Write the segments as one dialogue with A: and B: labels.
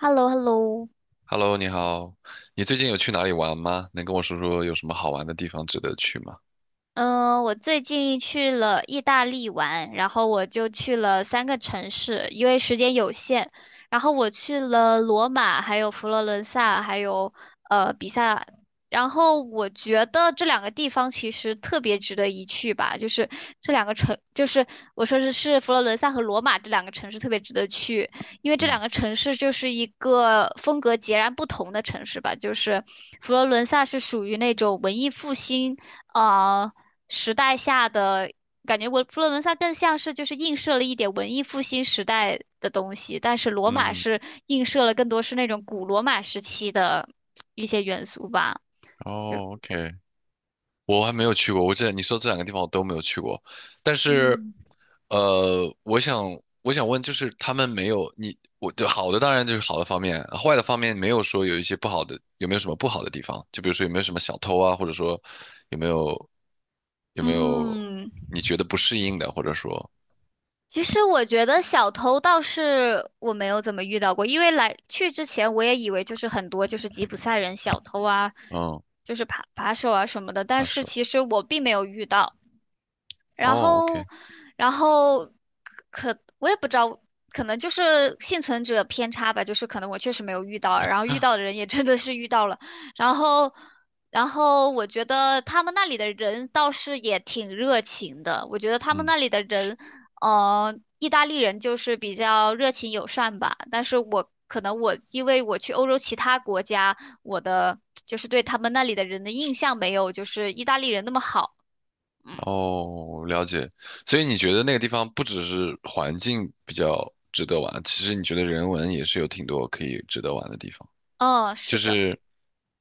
A: h e l l o h e l l o
B: Hello，你好，你最近有去哪里玩吗？能跟我说说有什么好玩的地方值得去吗？
A: 嗯，我最近去了意大利玩，然后我就去了三个城市，因为时间有限，然后我去了罗马，还有佛罗伦萨，还有比萨，然后我觉得这两个地方其实特别值得一去吧，就是这两个城，就是我说是佛罗伦萨和罗马这两个城市特别值得去，因为这两
B: 嗯
A: 个城市就是一个风格截然不同的城市吧，就是佛罗伦萨是属于那种文艺复兴。啊、时代下的感觉文，我佛罗伦萨更像是就是映射了一点文艺复兴时代的东西，但是罗马
B: 嗯，
A: 是映射了更多是那种古罗马时期的一些元素吧。
B: 哦，OK，我还没有去过，我这你说这两个地方我都没有去过，但是，
A: 嗯，
B: 呃，我想我想问，就是他们没有你我对好的当然就是好的方面，坏的方面没有说有一些不好的，有没有什么不好的地方？就比如说有没有什么小偷啊，或者说有没有有没有
A: 嗯，
B: 你觉得不适应的，或者说
A: 其实我觉得小偷倒是我没有怎么遇到过，因为来去之前我也以为就是很多就是吉普赛人小偷啊，
B: 嗯，
A: 就是扒手啊什么的，但
B: 他
A: 是
B: 说，
A: 其实我并没有遇到。然
B: 哦
A: 后，
B: ，OK。
A: 然后可我也不知道，可能就是幸存者偏差吧，就是可能我确实没有遇到，然后遇到的人也真的是遇到了，然后，然后我觉得他们那里的人倒是也挺热情的，我觉得他们
B: 嗯。
A: 那里的人，嗯，意大利人就是比较热情友善吧，但是我可能我因为我去欧洲其他国家，我的就是对他们那里的人的印象没有就是意大利人那么好，嗯
B: 哦，了解。所以你觉得那个地方不只是环境比较值得玩，其实你觉得人文也是有挺多可以值得玩的地方。
A: 嗯，是
B: 就
A: 的。
B: 是，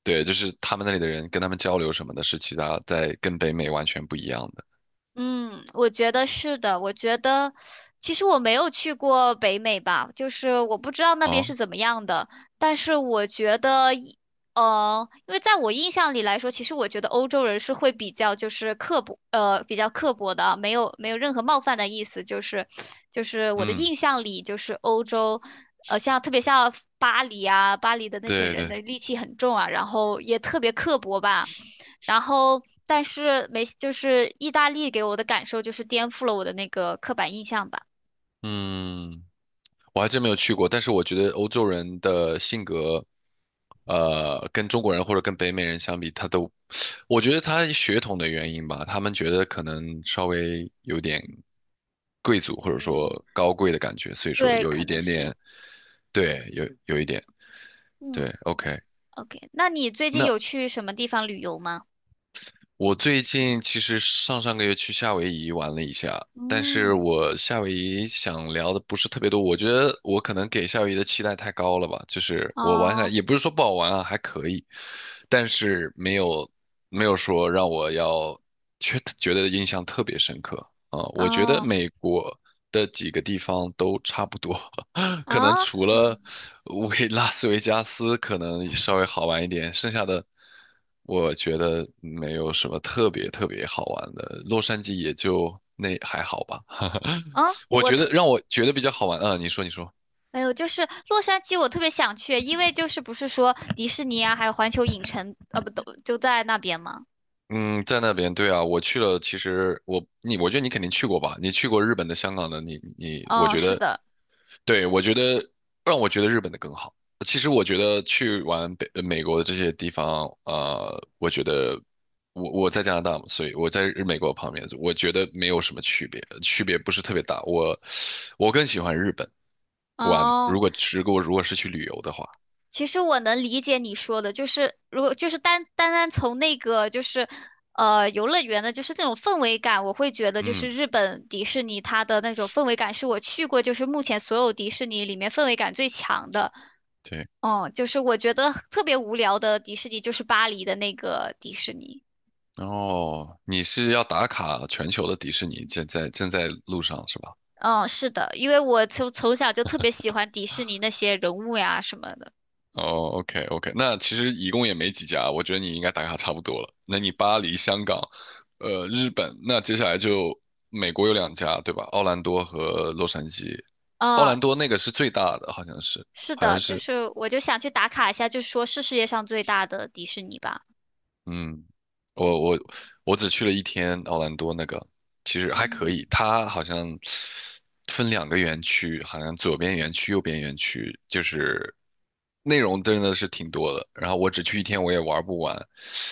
B: 对，就是他们那里的人跟他们交流什么的，是其他在跟北美完全不一样的。
A: 嗯，我觉得是的。我觉得其实我没有去过北美吧，就是我不知道那边
B: 哦，
A: 是怎么样的。但是我觉得因为在我印象里来说，其实我觉得欧洲人是会比较就是刻薄，比较刻薄的啊没有任何冒犯的意思。就是我的
B: 嗯，
A: 印象里，就是像特别像巴黎啊，巴黎的那些
B: 对
A: 人
B: 对，
A: 的戾气很重啊，然后也特别刻薄吧。然后，但是没，就是意大利给我的感受就是颠覆了我的那个刻板印象吧。
B: 嗯。我还真没有去过，但是我觉得欧洲人的性格，跟中国人或者跟北美人相比，他都，我觉得他血统的原因吧，他们觉得可能稍微有点贵族或者说
A: 嗯
B: 高贵的感觉，所以说
A: 对，
B: 有
A: 可
B: 一
A: 能
B: 点
A: 是，
B: 点，对，有一点，对
A: 嗯
B: ，OK。
A: ，OK。那你最近
B: 那。
A: 有去什么地方旅游吗？
B: 我最近其实上上个月去夏威夷玩了一下，但是
A: 嗯，
B: 我夏威夷想聊的不是特别多，我觉得我可能给夏威夷的期待太高了吧，就是我玩下来
A: 哦，
B: 也不是说不好玩啊，还可以，但是没有说让我要觉得印象特别深刻啊，我觉得
A: 哦，
B: 美国的几个地方都差不多，可能
A: 啊
B: 除了维 拉斯维加斯可能稍微好玩一点，剩下的我觉得没有什么特别特别好玩的。洛杉矶也就那还好吧，
A: 啊，
B: 我
A: 我
B: 觉得
A: 特，
B: 让我觉得比较好玩嗯，你说你说。
A: 哎呦，就是洛杉矶，我特别想去，因为就是不是说迪士尼啊，还有环球影城，啊，不都就在那边吗？
B: 嗯，在那边，对啊，我去了。其实我你，我觉得你肯定去过吧？你去过日本的、香港的，我
A: 哦，
B: 觉
A: 是
B: 得，
A: 的，
B: 对，我觉得让我觉得日本的更好。其实我觉得去完美国的这些地方，我觉得我在加拿大嘛，所以我在美国旁边，我觉得没有什么区别，区别不是特别大。我更喜欢日本玩，如
A: 哦。
B: 果如果如果是去旅游的话，
A: 其实我能理解你说的，就是如果就是单从那个就是游乐园的，就是这种氛围感，我会觉得就
B: 嗯，
A: 是日本迪士尼它的那种氛围感是我去过，就是目前所有迪士尼里面氛围感最强的。
B: 对。
A: 嗯，就是我觉得特别无聊的迪士尼就是巴黎的那个迪士尼。
B: 哦，你是要打卡全球的迪士尼，现在正在路上是吧？
A: 嗯，是的，因为我从小就特别喜欢迪士尼那些人物呀什么的。
B: 哦，OK OK，那其实一共也没几家，我觉得你应该打卡差不多了。那你巴黎、香港，日本，那接下来就美国有两家，对吧？奥兰多和洛杉矶。奥
A: 嗯，
B: 兰多那个是最大的，好像是，
A: 是
B: 好像
A: 的，就
B: 是，
A: 是我就想去打卡一下，就说是世界上最大的迪士尼吧。
B: 嗯，我我我只去了一天奥兰多那个，其实还可以。它好像分两个园区，好像左边园区、右边园区，就是内容真的是挺多的。然后我只去一天，我也玩不完。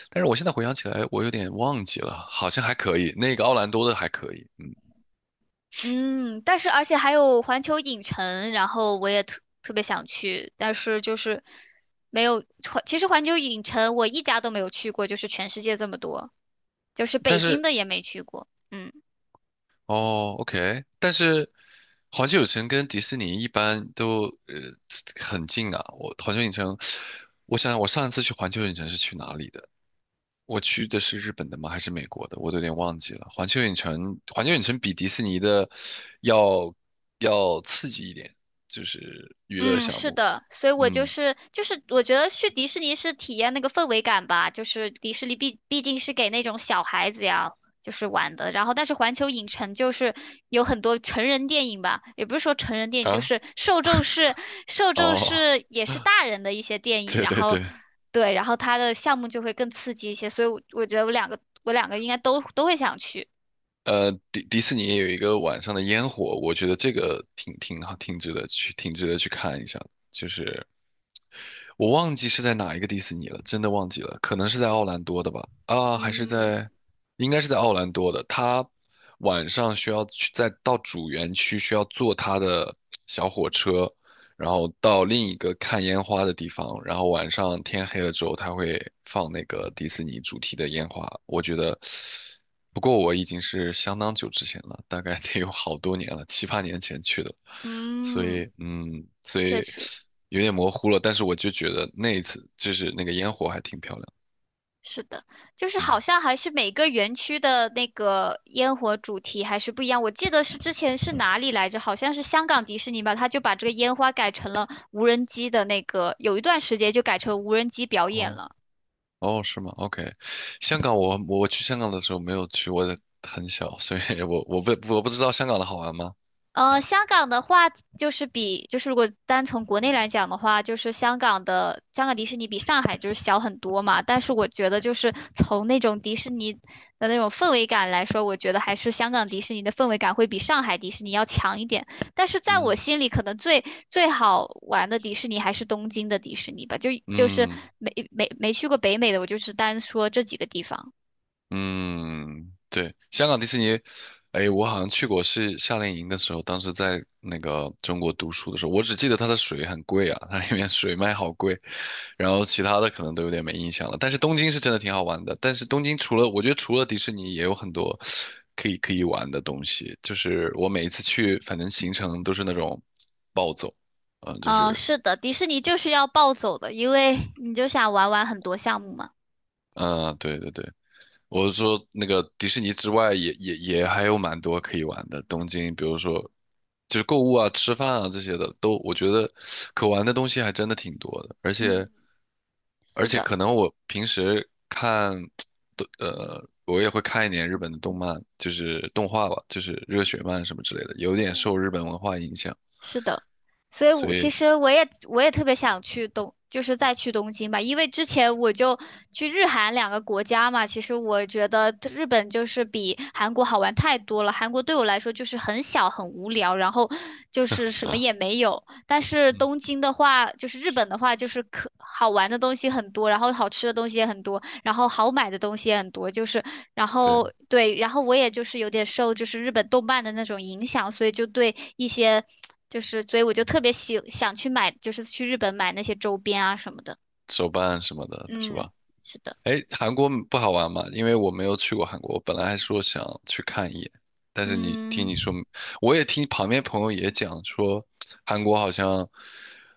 B: 但是我现在回想起来，我有点忘记了，好像还可以。那个奥兰多的还可以，
A: 嗯，但是而且还有环球影城，然后我也特别想去，但是就是没有环。其实环球影城我一家都没有去过，就是全世界这么多，就是
B: 但
A: 北京
B: 是，
A: 的也没去过。嗯。
B: 哦，OK，但是环球影城跟迪士尼一般都很近啊。我环球影城，我想想，我上一次去环球影城是去哪里的？我去的是日本的吗？还是美国的？我都有点忘记了。环球影城比迪士尼的要要刺激一点，就是娱乐
A: 嗯，
B: 项
A: 是
B: 目。
A: 的，所以我
B: 嗯
A: 我觉得去迪士尼是体验那个氛围感吧，就是迪士尼毕竟是给那种小孩子呀，就是玩的。然后，但是环球影城就是有很多成人电影吧，也不是说成人电影，就
B: 啊，
A: 是受 众
B: 哦，
A: 是也是大人的一些电影。
B: 对
A: 然
B: 对
A: 后，
B: 对，
A: 对，然后它的项目就会更刺激一些，所以我觉得我两个应该都会想去。
B: 迪士尼也有一个晚上的烟火，我觉得这个挺好，挺值得去，挺值得去看一下的就是我忘记是在哪一个迪士尼了，真的忘记了，可能是在奥兰多的吧？啊，还是
A: 嗯
B: 在，应该是在奥兰多的。他晚上需要去再到主园区，需要坐他的小火车，然后到另一个看烟花的地方，然后晚上天黑了之后，他会放那个迪士尼主题的烟花。我觉得，不过我已经是相当久之前了，大概得有好多年了，七八年前去的，所
A: 嗯，
B: 以，嗯，所
A: 确
B: 以。
A: 实。
B: 有点模糊了，但是我就觉得那一次就是那个烟火还挺漂亮。
A: 是的，就是好
B: 嗯，
A: 像还是每个园区的那个烟火主题还是不一样。我记得是之前是哪里来着？好像是香港迪士尼吧，他就把这个烟花改成了无人机的那个，有一段时间就改成无人机表演
B: 哦
A: 了。
B: 哦，是吗？OK，香港我去香港的时候没有去，我很小，所以我不知道香港的好玩吗？
A: 香港的话就是就是如果单从国内来讲的话，就是香港迪士尼比上海就是小很多嘛。但是我觉得就是从那种迪士尼的那种氛围感来说，我觉得还是香港迪士尼的氛围感会比上海迪士尼要强一点。但是在
B: 嗯
A: 我心里，可能最好玩的迪士尼还是东京的迪士尼吧。就是
B: 嗯。
A: 没没去过北美的，我就是单说这几个地方。
B: 嗯，对，香港迪士尼，哎，我好像去过，是夏令营的时候，当时在那个中国读书的时候，我只记得它的水很贵啊，它里面水卖好贵，然后其他的可能都有点没印象了。但是东京是真的挺好玩的，但是东京除了我觉得除了迪士尼，也有很多可以玩的东西。就是我每一次去，反正行程都是那种暴走，嗯，就
A: 嗯、
B: 是
A: 是的，迪士尼就是要暴走的，因为你就想玩很多项目嘛。
B: 嗯，对对对。我是说，那个迪士尼之外也，也还有蛮多可以玩的。东京，比如说，就是购物啊、吃饭啊这些的，都我觉得可玩的东西还真的挺多的。而
A: 嗯，
B: 且，
A: 是的。
B: 可能我平时看，我也会看一点日本的动漫，就是动画吧，就是热血漫什么之类的，有点受
A: 嗯，
B: 日本文化影响，
A: 是的，所以
B: 所
A: 我其
B: 以，
A: 实我也我也特别想去东，就是再去东京吧，因为之前我就去日韩两个国家嘛，其实我觉得日本就是比韩国好玩太多了，韩国对我来说就是很小很无聊，然后就是什么
B: 啊，
A: 也没有，但是
B: 嗯，
A: 东京的话，就是日本的话，就是可好玩的东西很多，然后好吃的东西也很多，然后好买的东西也很多，就是然
B: 对，
A: 后对，然后我也就是有点受就是日本动漫的那种影响，所以就对一些所以我就特别喜想去买，就是去日本买那些周边啊什么的。
B: 手办什么的，是
A: 嗯，
B: 吧？
A: 是的，
B: 哎，韩国不好玩吗？因为我没有去过韩国，我本来还说想去看一眼，但是你听你
A: 嗯。
B: 说，我也听旁边朋友也讲说，韩国好像，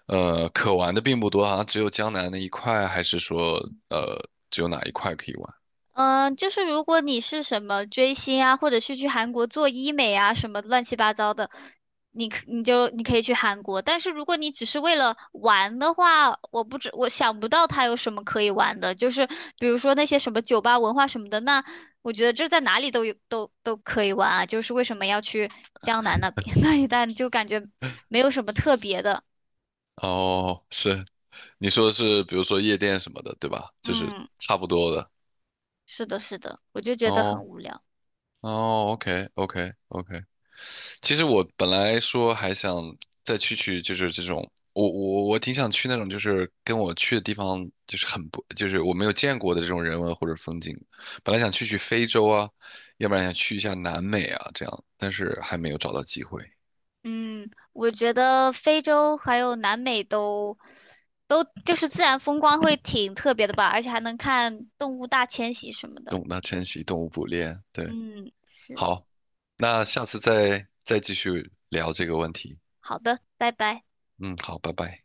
B: 可玩的并不多，好像只有江南那一块，还是说，呃，只有哪一块可以玩？
A: 嗯，就是如果你是什么追星啊，或者是去韩国做医美啊，什么乱七八糟的，你可以去韩国。但是如果你只是为了玩的话，我想不到它有什么可以玩的，就是比如说那些什么酒吧文化什么的，那我觉得这在哪里都有都可以玩啊。就是为什么要去江南那边 那一带，就感觉没有什么特别的。
B: 哦，是，你说的是比如说夜店什么的，对吧？就是
A: 嗯，
B: 差不多的。
A: 是的，是的，我就觉得
B: 哦
A: 很无聊。
B: 哦，OK OK OK，其实我本来说还想再去去，就是这种，我挺想去那种，就是跟我去的地方就是很不，就是我没有见过的这种人文或者风景。本来想去去非洲啊，要不然想去一下南美啊，这样，但是还没有找到机会。
A: 嗯，我觉得非洲还有南美都就是自然风光会挺特别的吧，而且还能看动物大迁徙什么的。
B: 懂得珍惜，动物捕猎。对，
A: 嗯，是，
B: 好，那下次再继续聊这个问题。
A: 好的，拜拜。
B: 嗯，好，拜拜。